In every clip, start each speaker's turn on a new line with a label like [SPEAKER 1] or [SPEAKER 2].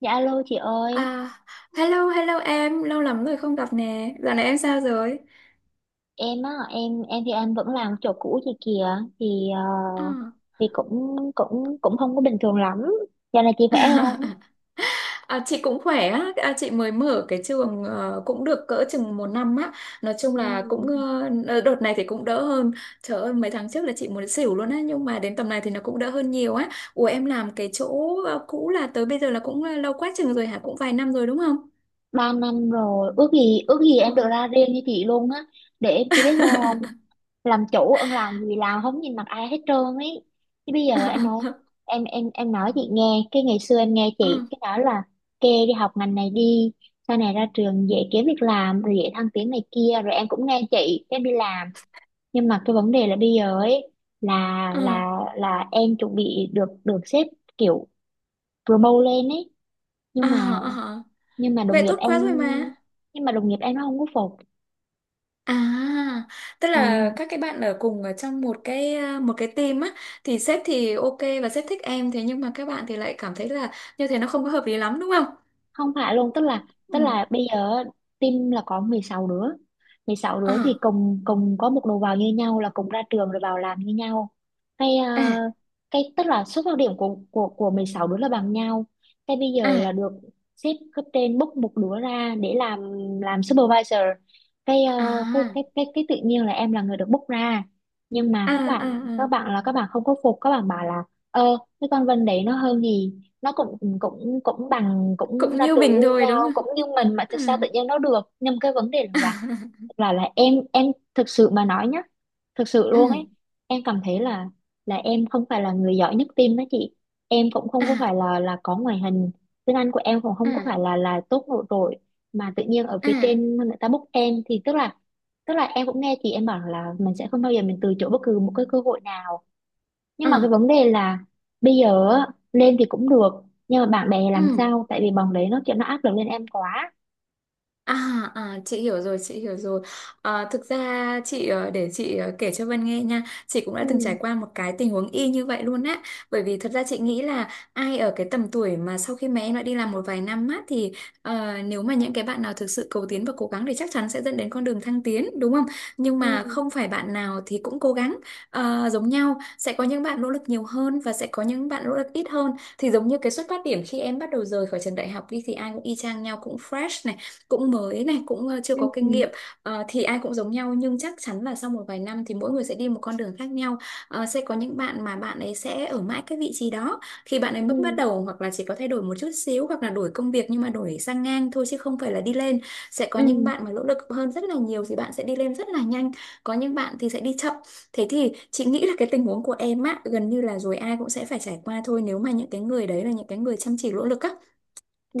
[SPEAKER 1] Dạ alo chị ơi,
[SPEAKER 2] À, hello, hello em, lâu lắm rồi không gặp nè. Dạo này em sao rồi?
[SPEAKER 1] em á, em thì em vẫn làm chỗ cũ chị kìa, thì ờ,
[SPEAKER 2] À,
[SPEAKER 1] thì cũng cũng cũng không có bình thường lắm. Giờ này chị khỏe không?
[SPEAKER 2] à, chị cũng khỏe á, à, chị mới mở cái trường cũng được cỡ chừng một năm á. Nói chung
[SPEAKER 1] Ừ,
[SPEAKER 2] là cũng đợt này thì cũng đỡ hơn. Trời ơi, mấy tháng trước là chị muốn xỉu luôn á, nhưng mà đến tầm này thì nó cũng đỡ hơn nhiều á. Ủa em làm cái chỗ cũ là tới bây giờ là cũng lâu quá chừng rồi hả? Cũng vài năm rồi đúng không?
[SPEAKER 1] 3 năm rồi, ước gì
[SPEAKER 2] Ừ.
[SPEAKER 1] em được ra riêng như chị luôn á. Để em chị biết sao không? Làm chủ ân làm gì làm không nhìn mặt ai hết trơn ấy. Chứ bây giờ em nói chị nghe, cái ngày xưa em nghe chị
[SPEAKER 2] Ừ.
[SPEAKER 1] cái nói là kê đi học ngành này đi. Sau này ra trường dễ kiếm việc làm rồi dễ thăng tiến này kia rồi em cũng nghe chị em đi làm, nhưng mà cái vấn đề là bây giờ ấy, là
[SPEAKER 2] Ừ.
[SPEAKER 1] là là em chuẩn bị được được sếp kiểu promote lên ấy,
[SPEAKER 2] À,
[SPEAKER 1] nhưng mà
[SPEAKER 2] à, à.
[SPEAKER 1] nhưng mà đồng
[SPEAKER 2] Vậy
[SPEAKER 1] nghiệp
[SPEAKER 2] tốt
[SPEAKER 1] em
[SPEAKER 2] quá rồi mà.
[SPEAKER 1] đồng nghiệp em nó không có phục.
[SPEAKER 2] À, tức là
[SPEAKER 1] Ừ.
[SPEAKER 2] các cái bạn ở cùng ở trong một cái team á, thì sếp thì ok và sếp thích em, thế nhưng mà các bạn thì lại cảm thấy là như thế nó không có hợp lý lắm đúng không?
[SPEAKER 1] Không phải luôn, tức là tức
[SPEAKER 2] Ừ.
[SPEAKER 1] là bây giờ team là có 16 đứa. 16 đứa thì
[SPEAKER 2] À,
[SPEAKER 1] cùng cùng có một đầu vào như nhau, là cùng ra trường rồi vào làm như nhau, cái ờ,
[SPEAKER 2] à,
[SPEAKER 1] cái tức là xuất phát điểm của 16 đứa là bằng nhau. Cái bây giờ là
[SPEAKER 2] à,
[SPEAKER 1] được sếp cấp trên bốc một đứa ra để làm supervisor, cái ờ,
[SPEAKER 2] à,
[SPEAKER 1] cái tự nhiên là em là người được bốc ra, nhưng mà
[SPEAKER 2] à,
[SPEAKER 1] các bạn
[SPEAKER 2] à,
[SPEAKER 1] các
[SPEAKER 2] à.
[SPEAKER 1] bạn là các bạn không có phục, các bạn bảo là, cái con Vân đấy nó hơn gì, nó cũng cũng cũng bằng, cũng
[SPEAKER 2] Cũng
[SPEAKER 1] ra
[SPEAKER 2] như
[SPEAKER 1] trường như
[SPEAKER 2] mình thôi
[SPEAKER 1] nhau,
[SPEAKER 2] đúng không?
[SPEAKER 1] cũng như mình, mà tại
[SPEAKER 2] Ừ.
[SPEAKER 1] sao tự nhiên nó được, nhưng cái vấn đề là, em thực sự mà nói nhá, thực sự luôn
[SPEAKER 2] Ừ.
[SPEAKER 1] ấy, em cảm thấy là em không phải là người giỏi nhất team đó chị. Em cũng không có
[SPEAKER 2] À,
[SPEAKER 1] phải là có ngoại hình, tiếng Anh của em cũng không có
[SPEAKER 2] à,
[SPEAKER 1] phải là tốt nổi trội, mà tự nhiên ở phía
[SPEAKER 2] à,
[SPEAKER 1] trên người ta book em, thì tức là em cũng nghe chị em bảo là mình sẽ không bao giờ mình từ chối bất cứ một cái cơ hội nào, nhưng mà cái
[SPEAKER 2] à,
[SPEAKER 1] vấn đề là bây giờ á, lên thì cũng được nhưng mà bạn bè làm
[SPEAKER 2] ừ.
[SPEAKER 1] sao, tại vì bọn đấy nó kiểu nó áp lực lên em quá.
[SPEAKER 2] À, à, chị hiểu rồi, chị hiểu rồi. Thực ra chị ờ, kể cho Vân nghe nha, chị cũng đã từng trải
[SPEAKER 1] Ừ.
[SPEAKER 2] qua một cái tình huống y như vậy luôn á, bởi vì thật ra chị nghĩ là ai ở cái tầm tuổi mà sau khi mà em đã đi làm một vài năm á thì nếu mà những cái bạn nào thực sự cầu tiến và cố gắng thì chắc chắn sẽ dẫn đến con đường thăng tiến đúng không, nhưng
[SPEAKER 1] Ừ.
[SPEAKER 2] mà không phải bạn nào thì cũng cố gắng giống nhau. Sẽ có những bạn nỗ lực nhiều hơn và sẽ có những bạn nỗ lực ít hơn, thì giống như cái xuất phát điểm khi em bắt đầu rời khỏi trường đại học đi thì ai cũng y chang nhau, cũng fresh này, cũng mới này, cũng chưa
[SPEAKER 1] Ừ.
[SPEAKER 2] có kinh nghiệm. Thì ai cũng giống nhau nhưng chắc chắn là sau một vài năm thì mỗi người sẽ đi một con đường khác nhau. Sẽ có những bạn mà bạn ấy sẽ ở mãi cái vị trí đó khi bạn ấy
[SPEAKER 1] Ừ.
[SPEAKER 2] mới bắt đầu, hoặc là chỉ có thay đổi một chút xíu, hoặc là đổi công việc nhưng mà đổi sang ngang thôi chứ không phải là đi lên. Sẽ có
[SPEAKER 1] Ừ.
[SPEAKER 2] những bạn mà nỗ lực hơn rất là nhiều thì bạn sẽ đi lên rất là nhanh, có những bạn thì sẽ đi chậm. Thế thì chị nghĩ là cái tình huống của em á gần như là rồi ai cũng sẽ phải trải qua thôi, nếu mà những cái người đấy là những cái người chăm chỉ nỗ lực á,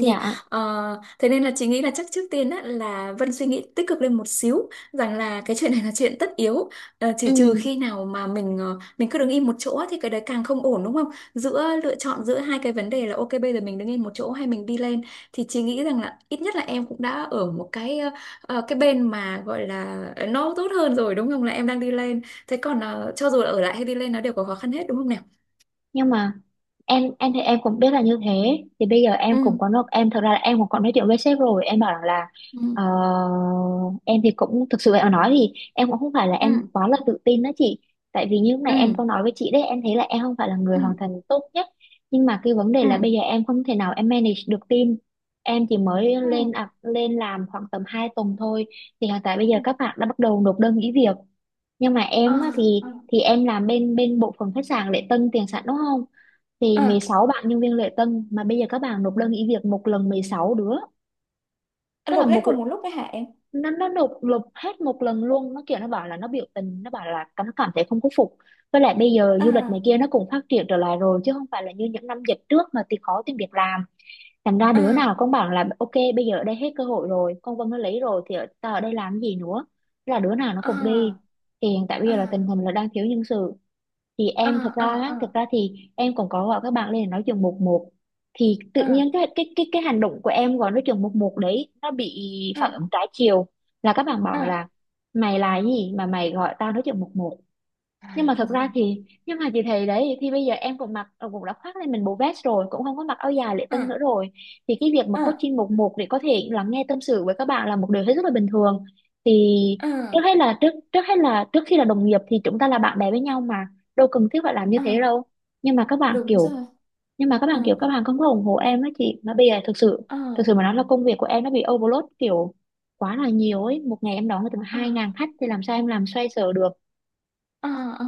[SPEAKER 2] thì thế nên là chị nghĩ là chắc trước tiên á, là Vân suy nghĩ tích cực lên một xíu rằng là cái chuyện này là chuyện tất yếu. Chỉ
[SPEAKER 1] Ừ.
[SPEAKER 2] trừ khi nào mà mình cứ đứng im một chỗ á, thì cái đấy càng không ổn đúng không? Giữa lựa chọn giữa hai cái vấn đề là ok bây giờ mình đứng im một chỗ hay mình đi lên, thì chị nghĩ rằng là ít nhất là em cũng đã ở một cái ờ, ờ, cái bên mà gọi là nó tốt hơn rồi đúng không, là em đang đi lên. Thế còn cho dù là ở lại hay đi lên nó đều có khó khăn hết đúng không nào?
[SPEAKER 1] Nhưng mà em thì em cũng biết là như thế, thì bây giờ
[SPEAKER 2] Ừ,
[SPEAKER 1] em cũng có nói, em thật ra là em cũng có nói chuyện với sếp rồi, em bảo rằng là,
[SPEAKER 2] ừ,
[SPEAKER 1] ờ, em thì cũng thực sự em nói thì em cũng không phải là em
[SPEAKER 2] ừ,
[SPEAKER 1] quá là tự tin đó chị, tại vì như lúc này
[SPEAKER 2] ừ,
[SPEAKER 1] em có nói với chị đấy, em thấy là em không phải là người hoàn
[SPEAKER 2] ừ,
[SPEAKER 1] thành tốt nhất, nhưng mà cái vấn đề là bây
[SPEAKER 2] ừ,
[SPEAKER 1] giờ em không thể nào em manage được team. Em chỉ mới lên làm khoảng tầm 2 tuần thôi, thì hiện tại bây giờ
[SPEAKER 2] ừ,
[SPEAKER 1] các bạn đã bắt đầu nộp đơn nghỉ việc, nhưng mà
[SPEAKER 2] ừ,
[SPEAKER 1] em á, thì
[SPEAKER 2] ừ.
[SPEAKER 1] thì em làm bên bên bộ phận khách sạn lễ tân tiền sảnh đúng không, thì
[SPEAKER 2] À,
[SPEAKER 1] 16 bạn nhân viên lễ tân mà bây giờ các bạn nộp đơn nghỉ việc một lần 16 đứa.
[SPEAKER 2] anh
[SPEAKER 1] Tức là
[SPEAKER 2] lột hết
[SPEAKER 1] một
[SPEAKER 2] cùng một lúc đấy hả em?
[SPEAKER 1] nó nộp nộp hết một lần luôn, nó kiểu nó bảo là nó biểu tình, nó bảo là nó cảm thấy không có phục. Với lại bây giờ du lịch này
[SPEAKER 2] À,
[SPEAKER 1] kia nó cũng phát triển trở lại rồi, chứ không phải là như những năm dịch trước mà thì khó tìm việc làm, thành ra đứa nào
[SPEAKER 2] à,
[SPEAKER 1] cũng bảo là ok, bây giờ ở đây hết cơ hội rồi, con Vân nó lấy rồi thì ta ở đây làm cái gì nữa. Thế là đứa nào nó cũng đi,
[SPEAKER 2] à,
[SPEAKER 1] thì hiện tại bây
[SPEAKER 2] à,
[SPEAKER 1] giờ là tình hình là đang thiếu nhân sự. Thì
[SPEAKER 2] à,
[SPEAKER 1] em thật ra á, thật
[SPEAKER 2] à,
[SPEAKER 1] ra thì em còn có gọi các bạn lên để nói chuyện một một, thì tự
[SPEAKER 2] à,
[SPEAKER 1] nhiên cái hành động của em gọi nói chuyện một một đấy nó bị
[SPEAKER 2] à,
[SPEAKER 1] phản ứng trái chiều, là các bạn bảo
[SPEAKER 2] à,
[SPEAKER 1] là mày là gì mà mày gọi tao nói chuyện một một,
[SPEAKER 2] à.
[SPEAKER 1] nhưng mà thật ra thì, nhưng mà chị thấy đấy, thì bây giờ em cũng đã khoác lên mình bộ vest rồi, cũng không có mặc áo dài lễ tân
[SPEAKER 2] À,
[SPEAKER 1] nữa rồi, thì cái việc mà
[SPEAKER 2] à, à,
[SPEAKER 1] coaching một một để có thể lắng nghe tâm sự với các bạn là một điều hết sức là bình thường. Thì trước
[SPEAKER 2] à,
[SPEAKER 1] hết là trước trước hết là trước khi là đồng nghiệp thì chúng ta là bạn bè với nhau mà, đâu cần thiết phải làm như thế
[SPEAKER 2] à.
[SPEAKER 1] đâu. Nhưng mà các bạn
[SPEAKER 2] Đúng
[SPEAKER 1] kiểu
[SPEAKER 2] rồi.
[SPEAKER 1] nhưng mà các
[SPEAKER 2] À,
[SPEAKER 1] bạn kiểu các bạn không có ủng hộ em á chị, mà bây giờ thực sự, thực
[SPEAKER 2] à,
[SPEAKER 1] sự mà nói là công việc của em nó bị overload, kiểu quá là nhiều ấy, một ngày em đón được tầm
[SPEAKER 2] à.
[SPEAKER 1] 2.000 khách thì làm sao em làm xoay sở được.
[SPEAKER 2] Ờ, ờ.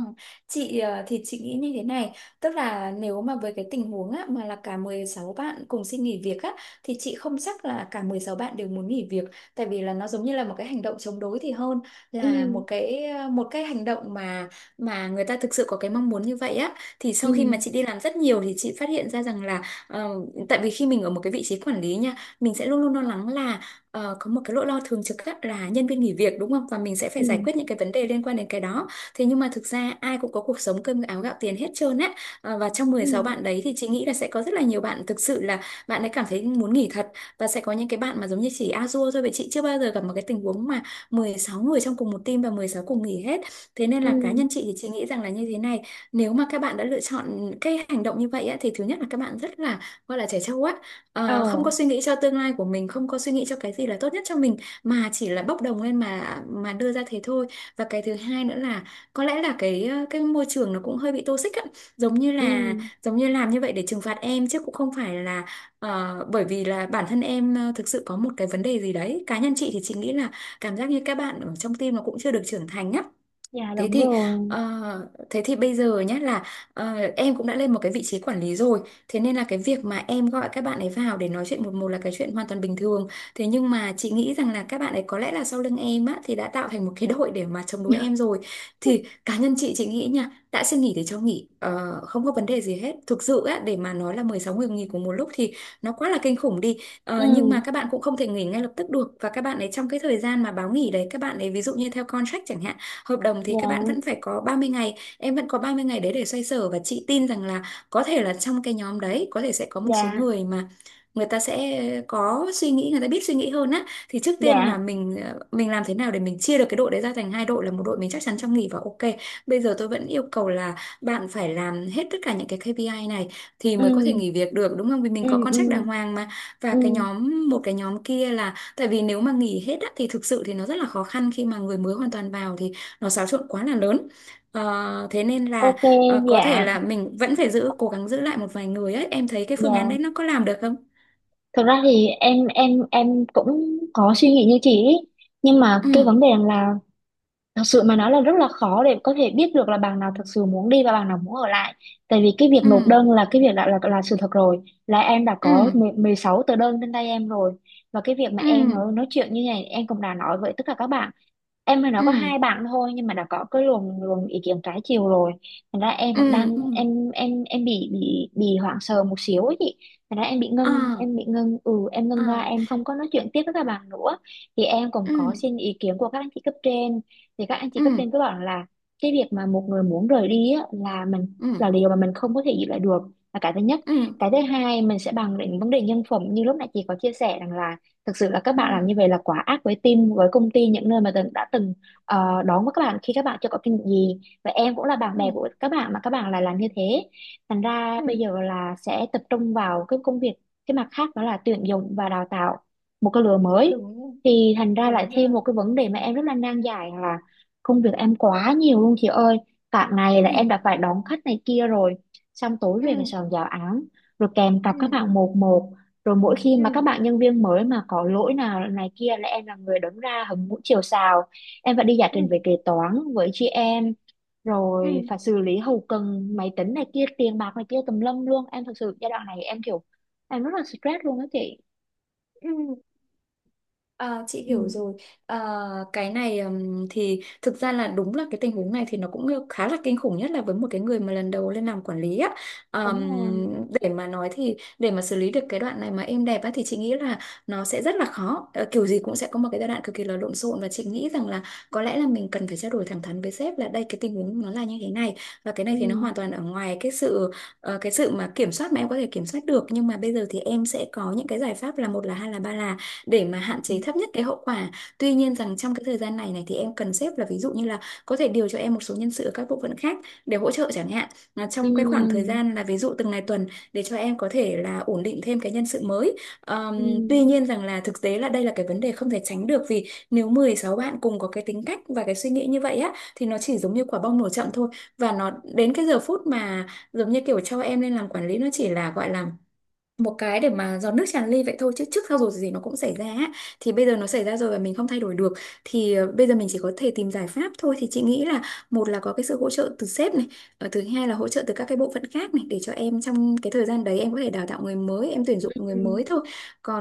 [SPEAKER 2] Thì chị nghĩ như thế này, tức là nếu mà với cái tình huống á, mà là cả 16 bạn cùng xin nghỉ việc á, thì chị không chắc là cả 16 bạn đều muốn nghỉ việc, tại vì là nó giống như là một cái hành động chống đối thì hơn là
[SPEAKER 1] Ừ.
[SPEAKER 2] một cái hành động mà người ta thực sự có cái mong muốn như vậy á. Thì
[SPEAKER 1] Ừ.
[SPEAKER 2] sau khi mà chị đi làm rất nhiều thì chị phát hiện ra rằng là ờ, tại vì khi mình ở một cái vị trí quản lý nha, mình sẽ luôn luôn lo lắng là có một cái nỗi lo thường trực á, là nhân viên nghỉ việc đúng không, và mình sẽ phải
[SPEAKER 1] Ừ.
[SPEAKER 2] giải quyết những cái vấn đề liên quan đến cái đó. Thế nhưng mà thực ra ai cũng có cuộc sống cơm áo gạo tiền hết trơn á. Và trong
[SPEAKER 1] Ừ.
[SPEAKER 2] 16 bạn đấy thì chị nghĩ là sẽ có rất là nhiều bạn thực sự là bạn ấy cảm thấy muốn nghỉ thật, và sẽ có những cái bạn mà giống như chỉ a dua thôi. Vậy chị chưa bao giờ gặp một cái tình huống mà 16 người trong cùng một team và 16 cùng nghỉ hết. Thế nên
[SPEAKER 1] Ừ.
[SPEAKER 2] là cá nhân chị thì chị nghĩ rằng là như thế này, nếu mà các bạn đã lựa chọn cái hành động như vậy á, thì thứ nhất là các bạn rất là, gọi là trẻ trâu á,
[SPEAKER 1] Ờ.
[SPEAKER 2] Không có suy nghĩ cho tương lai của mình, không có suy nghĩ cho cái gì là tốt nhất cho mình, mà chỉ là bốc đồng lên mà đưa ra thế thôi. Và cái thứ hai nữa là có lẽ là cái môi trường nó cũng hơi bị toxic á, giống như là
[SPEAKER 1] Ừ.
[SPEAKER 2] giống như làm như vậy để trừng phạt em chứ cũng không phải là bởi vì là bản thân em thực sự có một cái vấn đề gì đấy. Cá nhân chị thì chị nghĩ là cảm giác như các bạn ở trong team nó cũng chưa được trưởng thành á.
[SPEAKER 1] Dạ
[SPEAKER 2] Thế
[SPEAKER 1] đúng
[SPEAKER 2] thì
[SPEAKER 1] rồi.
[SPEAKER 2] ờ, thế thì bây giờ nhé là em cũng đã lên một cái vị trí quản lý rồi, thế nên là cái việc mà em gọi các bạn ấy vào để nói chuyện một một là cái chuyện hoàn toàn bình thường. Thế nhưng mà chị nghĩ rằng là các bạn ấy có lẽ là sau lưng em á thì đã tạo thành một cái đội để mà chống đối em rồi. Thì cá nhân chị nghĩ nha, đã xin nghỉ thì cho nghỉ, không có vấn đề gì hết. Thực sự á, để mà nói là 16 người nghỉ cùng một lúc thì nó quá là kinh khủng đi. Nhưng
[SPEAKER 1] Ừ.
[SPEAKER 2] mà các bạn cũng không thể nghỉ ngay lập tức được, và các bạn ấy trong cái thời gian mà báo nghỉ đấy, các bạn ấy ví dụ như theo contract chẳng hạn, hợp đồng, thì các bạn vẫn
[SPEAKER 1] Dạ.
[SPEAKER 2] phải có 30 ngày, em vẫn có 30 ngày đấy để xoay sở, và chị tin rằng là có thể là trong cái nhóm đấy có thể sẽ có một số
[SPEAKER 1] Dạ.
[SPEAKER 2] người mà người ta sẽ có suy nghĩ, người ta biết suy nghĩ hơn á, thì trước tiên
[SPEAKER 1] Dạ.
[SPEAKER 2] là mình làm thế nào để mình chia được cái đội đấy ra thành hai đội, là một đội mình chắc chắn trong nghỉ và ok bây giờ tôi vẫn yêu cầu là bạn phải làm hết tất cả những cái KPI này thì mới có thể
[SPEAKER 1] Ừ.
[SPEAKER 2] nghỉ việc được đúng không, vì mình
[SPEAKER 1] Ừ.
[SPEAKER 2] có
[SPEAKER 1] Ừ.
[SPEAKER 2] contract đàng hoàng mà. Và cái
[SPEAKER 1] Ừ.
[SPEAKER 2] nhóm, một cái nhóm kia là tại vì nếu mà nghỉ hết á, thì thực sự thì nó rất là khó khăn khi mà người mới hoàn toàn vào thì nó xáo trộn quá là lớn. Thế nên là
[SPEAKER 1] Ok. Dạ.
[SPEAKER 2] có thể là mình vẫn phải giữ, cố gắng giữ lại một vài người ấy. Em thấy cái phương án
[SPEAKER 1] Dạ.
[SPEAKER 2] đấy nó có làm được không?
[SPEAKER 1] Thực ra thì em cũng có suy nghĩ như chị ý, nhưng mà
[SPEAKER 2] Ừ,
[SPEAKER 1] cái vấn đề là, thật sự mà nói là rất là khó để có thể biết được là bạn nào thật sự muốn đi và bạn nào muốn ở lại. Tại vì cái việc nộp
[SPEAKER 2] ừ,
[SPEAKER 1] đơn là cái việc đã là sự thật rồi. Là em đã
[SPEAKER 2] ừ,
[SPEAKER 1] có 10 16 tờ đơn trên tay em rồi. Và cái việc mà em
[SPEAKER 2] ừ,
[SPEAKER 1] nói chuyện như này em cũng đã nói với tất cả các bạn, em với nó
[SPEAKER 2] ừ,
[SPEAKER 1] có hai bạn thôi nhưng mà đã có cái luồng luồng ý kiến trái chiều rồi, thành ra em vẫn
[SPEAKER 2] ừ,
[SPEAKER 1] đang
[SPEAKER 2] ừ,
[SPEAKER 1] em bị hoảng sợ một xíu ấy chị. Thành ra em bị
[SPEAKER 2] ờ,
[SPEAKER 1] ngưng em bị ngưng ừ em
[SPEAKER 2] ờ,
[SPEAKER 1] ngưng ra, em không có nói chuyện tiếp với các bạn nữa. Thì em cũng
[SPEAKER 2] ừ,
[SPEAKER 1] có xin ý kiến của các anh chị cấp trên, thì các anh chị
[SPEAKER 2] ừ,
[SPEAKER 1] cấp trên cứ bảo là cái việc mà một người muốn rời đi á, là mình
[SPEAKER 2] ừ,
[SPEAKER 1] là điều mà mình không có thể giữ lại được, là cái thứ nhất.
[SPEAKER 2] ừ,
[SPEAKER 1] Cái thứ hai mình sẽ bàn đến vấn đề nhân phẩm, như lúc nãy chị có chia sẻ rằng là thực sự là các
[SPEAKER 2] ừ,
[SPEAKER 1] bạn làm như vậy là quá ác với team, với công ty, những nơi mà đã từng đón với các bạn khi các bạn chưa có kinh nghiệm gì, và em cũng là bạn
[SPEAKER 2] ừ,
[SPEAKER 1] bè của các bạn mà các bạn lại làm như thế. Thành ra bây
[SPEAKER 2] ừ.
[SPEAKER 1] giờ là sẽ tập trung vào cái công việc, cái mặt khác đó là tuyển dụng và đào tạo một cái lứa mới,
[SPEAKER 2] Đúng rồi,
[SPEAKER 1] thì thành ra lại
[SPEAKER 2] đúng
[SPEAKER 1] thêm
[SPEAKER 2] rồi.
[SPEAKER 1] một cái vấn đề mà em rất là nan giải là công việc em quá nhiều luôn chị ơi. Cả ngày là
[SPEAKER 2] Ừ,
[SPEAKER 1] em đã phải đón khách này kia rồi, xong tối về phải
[SPEAKER 2] ừ,
[SPEAKER 1] soạn giáo án, rồi kèm cặp các
[SPEAKER 2] ừ,
[SPEAKER 1] bạn một một, rồi mỗi khi mà các
[SPEAKER 2] ừ,
[SPEAKER 1] bạn nhân viên mới mà có lỗi nào này kia là em là người đứng ra hứng mũi chiều sào, em phải đi giải
[SPEAKER 2] ừ,
[SPEAKER 1] trình về kế toán với chị em,
[SPEAKER 2] ừ,
[SPEAKER 1] rồi
[SPEAKER 2] ừ,
[SPEAKER 1] phải xử lý hậu cần máy tính này kia tiền bạc này kia tùm lum luôn. Em thật sự giai đoạn này em kiểu, em rất là stress luôn đó chị.
[SPEAKER 2] ừ. À, chị
[SPEAKER 1] Ừ.
[SPEAKER 2] hiểu rồi. À, cái này thì thực ra là đúng là cái tình huống này thì nó cũng khá là kinh khủng, nhất là với một cái người mà lần đầu lên làm quản lý á.
[SPEAKER 1] Đúng
[SPEAKER 2] Ừm,
[SPEAKER 1] rồi.
[SPEAKER 2] để mà nói thì để mà xử lý được cái đoạn này mà êm đẹp á thì chị nghĩ là nó sẽ rất là khó. Ờ, kiểu gì cũng sẽ có một cái giai đoạn cực kỳ là lộn xộn, và chị nghĩ rằng là có lẽ là mình cần phải trao đổi thẳng thắn với sếp là đây cái tình huống nó là như thế này, và cái này
[SPEAKER 1] Ừ.
[SPEAKER 2] thì nó hoàn toàn ở ngoài cái sự cái sự mà kiểm soát, mà em có thể kiểm soát được. Nhưng mà bây giờ thì em sẽ có những cái giải pháp là một là, hai là, ba là, để mà hạn
[SPEAKER 1] Ừ.
[SPEAKER 2] chế thấp nhất cái hậu quả. Tuy nhiên rằng trong cái thời gian này này thì em cần xếp là, ví dụ như là có thể điều cho em một số nhân sự ở các bộ phận khác để hỗ trợ chẳng hạn. Là
[SPEAKER 1] Ừ.
[SPEAKER 2] trong cái khoảng thời gian là ví dụ từng ngày tuần, để cho em có thể là ổn định thêm cái nhân sự mới.
[SPEAKER 1] Ừ.
[SPEAKER 2] Tuy nhiên rằng là thực tế là đây là cái vấn đề không thể tránh được, vì nếu 16 bạn cùng có cái tính cách và cái suy nghĩ như vậy á thì nó chỉ giống như quả bong nổ chậm thôi, và nó đến cái giờ phút mà giống như kiểu cho em lên làm quản lý, nó chỉ là gọi là một cái để mà giọt nước tràn ly vậy thôi, chứ trước sau rồi gì nó cũng xảy ra á. Thì bây giờ nó xảy ra rồi và mình không thay đổi được, thì bây giờ mình chỉ có thể tìm giải pháp thôi. Thì chị nghĩ là một là có cái sự hỗ trợ từ sếp này, thứ hai là hỗ trợ từ các cái bộ phận khác này, để cho em trong cái thời gian đấy em có thể đào tạo người mới, em tuyển dụng người
[SPEAKER 1] Ừ.
[SPEAKER 2] mới thôi.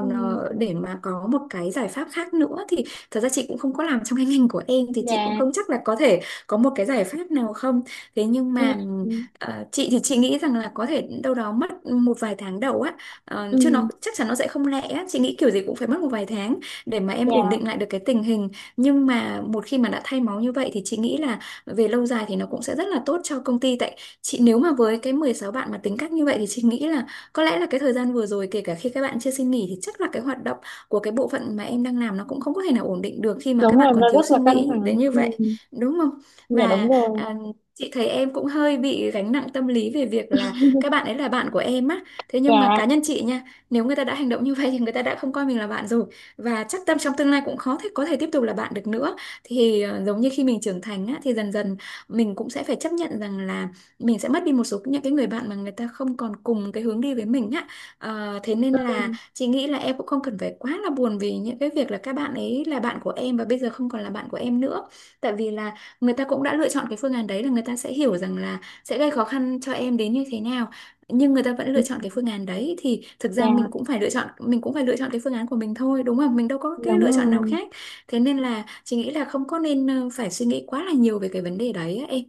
[SPEAKER 1] Ừ.
[SPEAKER 2] để mà có một cái giải pháp khác nữa thì thật ra chị cũng không có làm trong cái ngành của em, thì chị cũng
[SPEAKER 1] Dạ.
[SPEAKER 2] không chắc là có thể có một cái giải pháp nào không. Thế nhưng mà
[SPEAKER 1] Ừ.
[SPEAKER 2] chị thì chị nghĩ rằng là có thể đâu đó mất một vài tháng đầu á. Ờ, chứ nó
[SPEAKER 1] Ừ.
[SPEAKER 2] chắc chắn nó sẽ không lẹ á. Chị nghĩ kiểu gì cũng phải mất một vài tháng để mà em ổn
[SPEAKER 1] Dạ
[SPEAKER 2] định lại được cái tình hình. Nhưng mà một khi mà đã thay máu như vậy thì chị nghĩ là về lâu dài thì nó cũng sẽ rất là tốt cho công ty. Tại chị nếu mà với cái 16 bạn mà tính cách như vậy thì chị nghĩ là có lẽ là cái thời gian vừa rồi, kể cả khi các bạn chưa xin nghỉ, thì chắc là cái hoạt động của cái bộ phận mà em đang làm nó cũng không có thể nào ổn định được khi mà
[SPEAKER 1] đúng
[SPEAKER 2] các bạn
[SPEAKER 1] rồi,
[SPEAKER 2] còn
[SPEAKER 1] nó
[SPEAKER 2] thiếu
[SPEAKER 1] rất
[SPEAKER 2] suy
[SPEAKER 1] là căng
[SPEAKER 2] nghĩ
[SPEAKER 1] thẳng.
[SPEAKER 2] đến như
[SPEAKER 1] Ừ.
[SPEAKER 2] vậy, đúng không?
[SPEAKER 1] Dạ đúng
[SPEAKER 2] Và
[SPEAKER 1] rồi.
[SPEAKER 2] à, chị thấy em cũng hơi bị gánh nặng tâm lý về việc là các bạn ấy là bạn của em á. Thế nhưng mà
[SPEAKER 1] Dạ.
[SPEAKER 2] cá nhân chị nha, nếu người ta đã hành động như vậy thì người ta đã không coi mình là bạn rồi, và chắc tâm trong tương lai cũng khó thể có thể tiếp tục là bạn được nữa. Thì giống như khi mình trưởng thành á, thì dần dần mình cũng sẽ phải chấp nhận rằng là mình sẽ mất đi một số những cái người bạn mà người ta không còn cùng cái hướng đi với mình á. Ờ, thế nên là chị nghĩ là em cũng không cần phải quá là buồn vì những cái việc là các bạn ấy là bạn của em và bây giờ không còn là bạn của em nữa. Tại vì là người ta cũng đã lựa chọn cái phương án đấy, là người ta sẽ hiểu rằng là sẽ gây khó khăn cho em đến như thế nào, nhưng người ta vẫn
[SPEAKER 1] Ừ,
[SPEAKER 2] lựa chọn cái phương án đấy, thì thực ra
[SPEAKER 1] dạ.
[SPEAKER 2] mình cũng phải lựa chọn, mình cũng phải lựa chọn cái phương án của mình thôi, đúng không? Mình đâu có cái
[SPEAKER 1] Đúng
[SPEAKER 2] lựa chọn nào
[SPEAKER 1] rồi.
[SPEAKER 2] khác. Thế nên là chị nghĩ là không có nên phải suy nghĩ quá là nhiều về cái vấn đề đấy á em.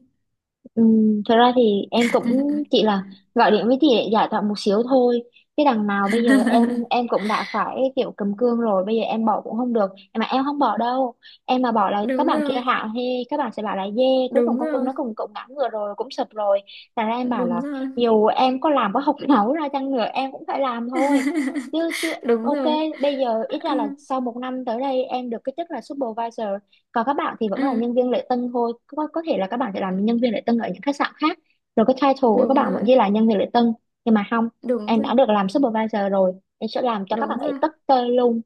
[SPEAKER 1] Ừ, thật ra thì em cũng chỉ là gọi điện với chị để giải thoại một xíu thôi, chứ đằng nào bây giờ em cũng đã phải kiểu cầm cương rồi, bây giờ em bỏ cũng không được. Mà em không bỏ đâu. Em mà bỏ là các
[SPEAKER 2] Đúng
[SPEAKER 1] bạn kia
[SPEAKER 2] rồi,
[SPEAKER 1] hạ hê, các bạn sẽ bảo là dê, cuối cùng
[SPEAKER 2] đúng
[SPEAKER 1] con Quân
[SPEAKER 2] rồi,
[SPEAKER 1] nó cũng cũng ngã ngựa rồi, cũng sụp rồi. Thành ra em bảo
[SPEAKER 2] đúng
[SPEAKER 1] là
[SPEAKER 2] rồi.
[SPEAKER 1] dù em có làm có học nấu ra chăng nữa em cũng phải làm thôi. Chứ chứ
[SPEAKER 2] Đúng
[SPEAKER 1] ok,
[SPEAKER 2] rồi.
[SPEAKER 1] bây giờ ít
[SPEAKER 2] Ừ,
[SPEAKER 1] ra là sau một năm tới đây em được cái chức là supervisor, còn các bạn thì
[SPEAKER 2] ừ,
[SPEAKER 1] vẫn là nhân viên lễ tân thôi, có thể là các bạn sẽ làm nhân viên lễ tân ở những khách sạn khác, rồi cái title của các
[SPEAKER 2] đúng
[SPEAKER 1] bạn vẫn
[SPEAKER 2] rồi,
[SPEAKER 1] ghi là nhân viên lễ tân, nhưng mà không,
[SPEAKER 2] đúng
[SPEAKER 1] em đã
[SPEAKER 2] rồi,
[SPEAKER 1] được làm supervisor rồi, em sẽ làm cho các
[SPEAKER 2] đúng
[SPEAKER 1] bạn ấy
[SPEAKER 2] rồi.
[SPEAKER 1] tất tơi luôn.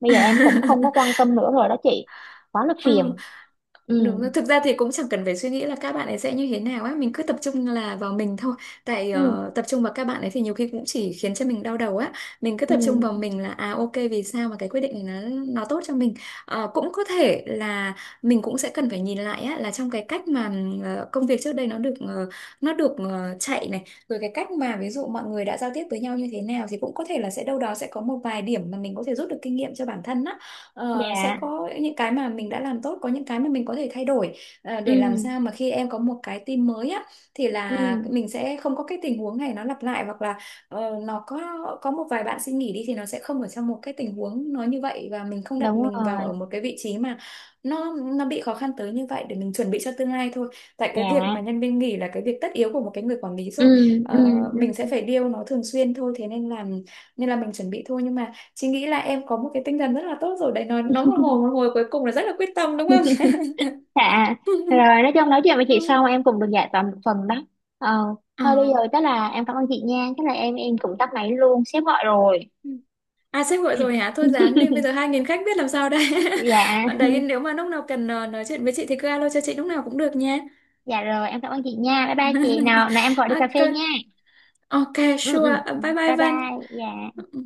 [SPEAKER 1] Bây giờ em cũng không có quan tâm nữa rồi đó chị, quá là
[SPEAKER 2] Ừ.
[SPEAKER 1] phiền. Ừ.
[SPEAKER 2] Đúng rồi. Thực ra thì cũng chẳng cần phải suy nghĩ là các bạn ấy sẽ như thế nào á, mình cứ tập trung là vào mình thôi. Tại
[SPEAKER 1] Ừ.
[SPEAKER 2] tập trung vào các bạn ấy thì nhiều khi cũng chỉ khiến cho mình đau đầu á. Mình cứ tập trung vào
[SPEAKER 1] Ừ.
[SPEAKER 2] mình là, à ok, vì sao mà cái quyết định này nó tốt cho mình. Ờ, cũng có thể là mình cũng sẽ cần phải nhìn lại á, là trong cái cách mà công việc trước đây nó được chạy này, rồi cái cách mà ví dụ mọi người đã giao tiếp với nhau như thế nào, thì cũng có thể là sẽ đâu đó sẽ có một vài điểm mà mình có thể rút được kinh nghiệm cho bản thân á. Ờ, sẽ
[SPEAKER 1] Dạ.
[SPEAKER 2] có những cái mà mình đã làm tốt, có những cái mà mình có thể thay đổi,
[SPEAKER 1] Ừ.
[SPEAKER 2] để làm sao mà khi em có một cái team mới á thì
[SPEAKER 1] Ừ.
[SPEAKER 2] là mình sẽ không có cái tình huống này nó lặp lại, hoặc là nó có một vài bạn xin nghỉ đi thì nó sẽ không ở trong một cái tình huống nó như vậy, và mình không đặt
[SPEAKER 1] Đúng
[SPEAKER 2] mình vào
[SPEAKER 1] rồi.
[SPEAKER 2] ở một cái vị trí mà nó bị khó khăn tới như vậy. Để mình chuẩn bị cho tương lai thôi, tại cái việc mà
[SPEAKER 1] Dạ.
[SPEAKER 2] nhân viên nghỉ là cái việc tất yếu của một cái người quản lý
[SPEAKER 1] Ừ.
[SPEAKER 2] rồi.
[SPEAKER 1] Ừ.
[SPEAKER 2] Ờ, mình sẽ phải điều nó thường xuyên thôi, thế nên là mình chuẩn bị thôi. Nhưng mà chị nghĩ là em có một cái tinh thần rất là tốt rồi đấy, nói
[SPEAKER 1] Ừ.
[SPEAKER 2] nói một hồi, một hồi cuối cùng là rất là quyết tâm, đúng không?
[SPEAKER 1] Dạ, rồi nói chung nói chuyện với chị xong em cũng được giải tỏa một phần đó. Ờ,
[SPEAKER 2] Ờ.
[SPEAKER 1] thôi bây giờ tức là em cảm ơn chị nha, tức là em cũng tắt máy luôn, sếp gọi rồi.
[SPEAKER 2] À sếp gọi
[SPEAKER 1] Ừ.
[SPEAKER 2] rồi hả? Thôi dáng đi, bây giờ 2.000 khách biết làm sao đây.
[SPEAKER 1] Dạ,
[SPEAKER 2] Đấy nếu mà lúc nào cần nói chuyện với chị thì cứ alo cho chị lúc nào cũng được nha.
[SPEAKER 1] dạ rồi em cảm ơn chị nha, bye bye chị nào, nào em gọi đi cà phê
[SPEAKER 2] Ok,
[SPEAKER 1] nha.
[SPEAKER 2] ok,
[SPEAKER 1] Ừ ừ,
[SPEAKER 2] sure. Ờ, bye bye
[SPEAKER 1] bye
[SPEAKER 2] Văn.
[SPEAKER 1] bye, dạ.
[SPEAKER 2] Ừ.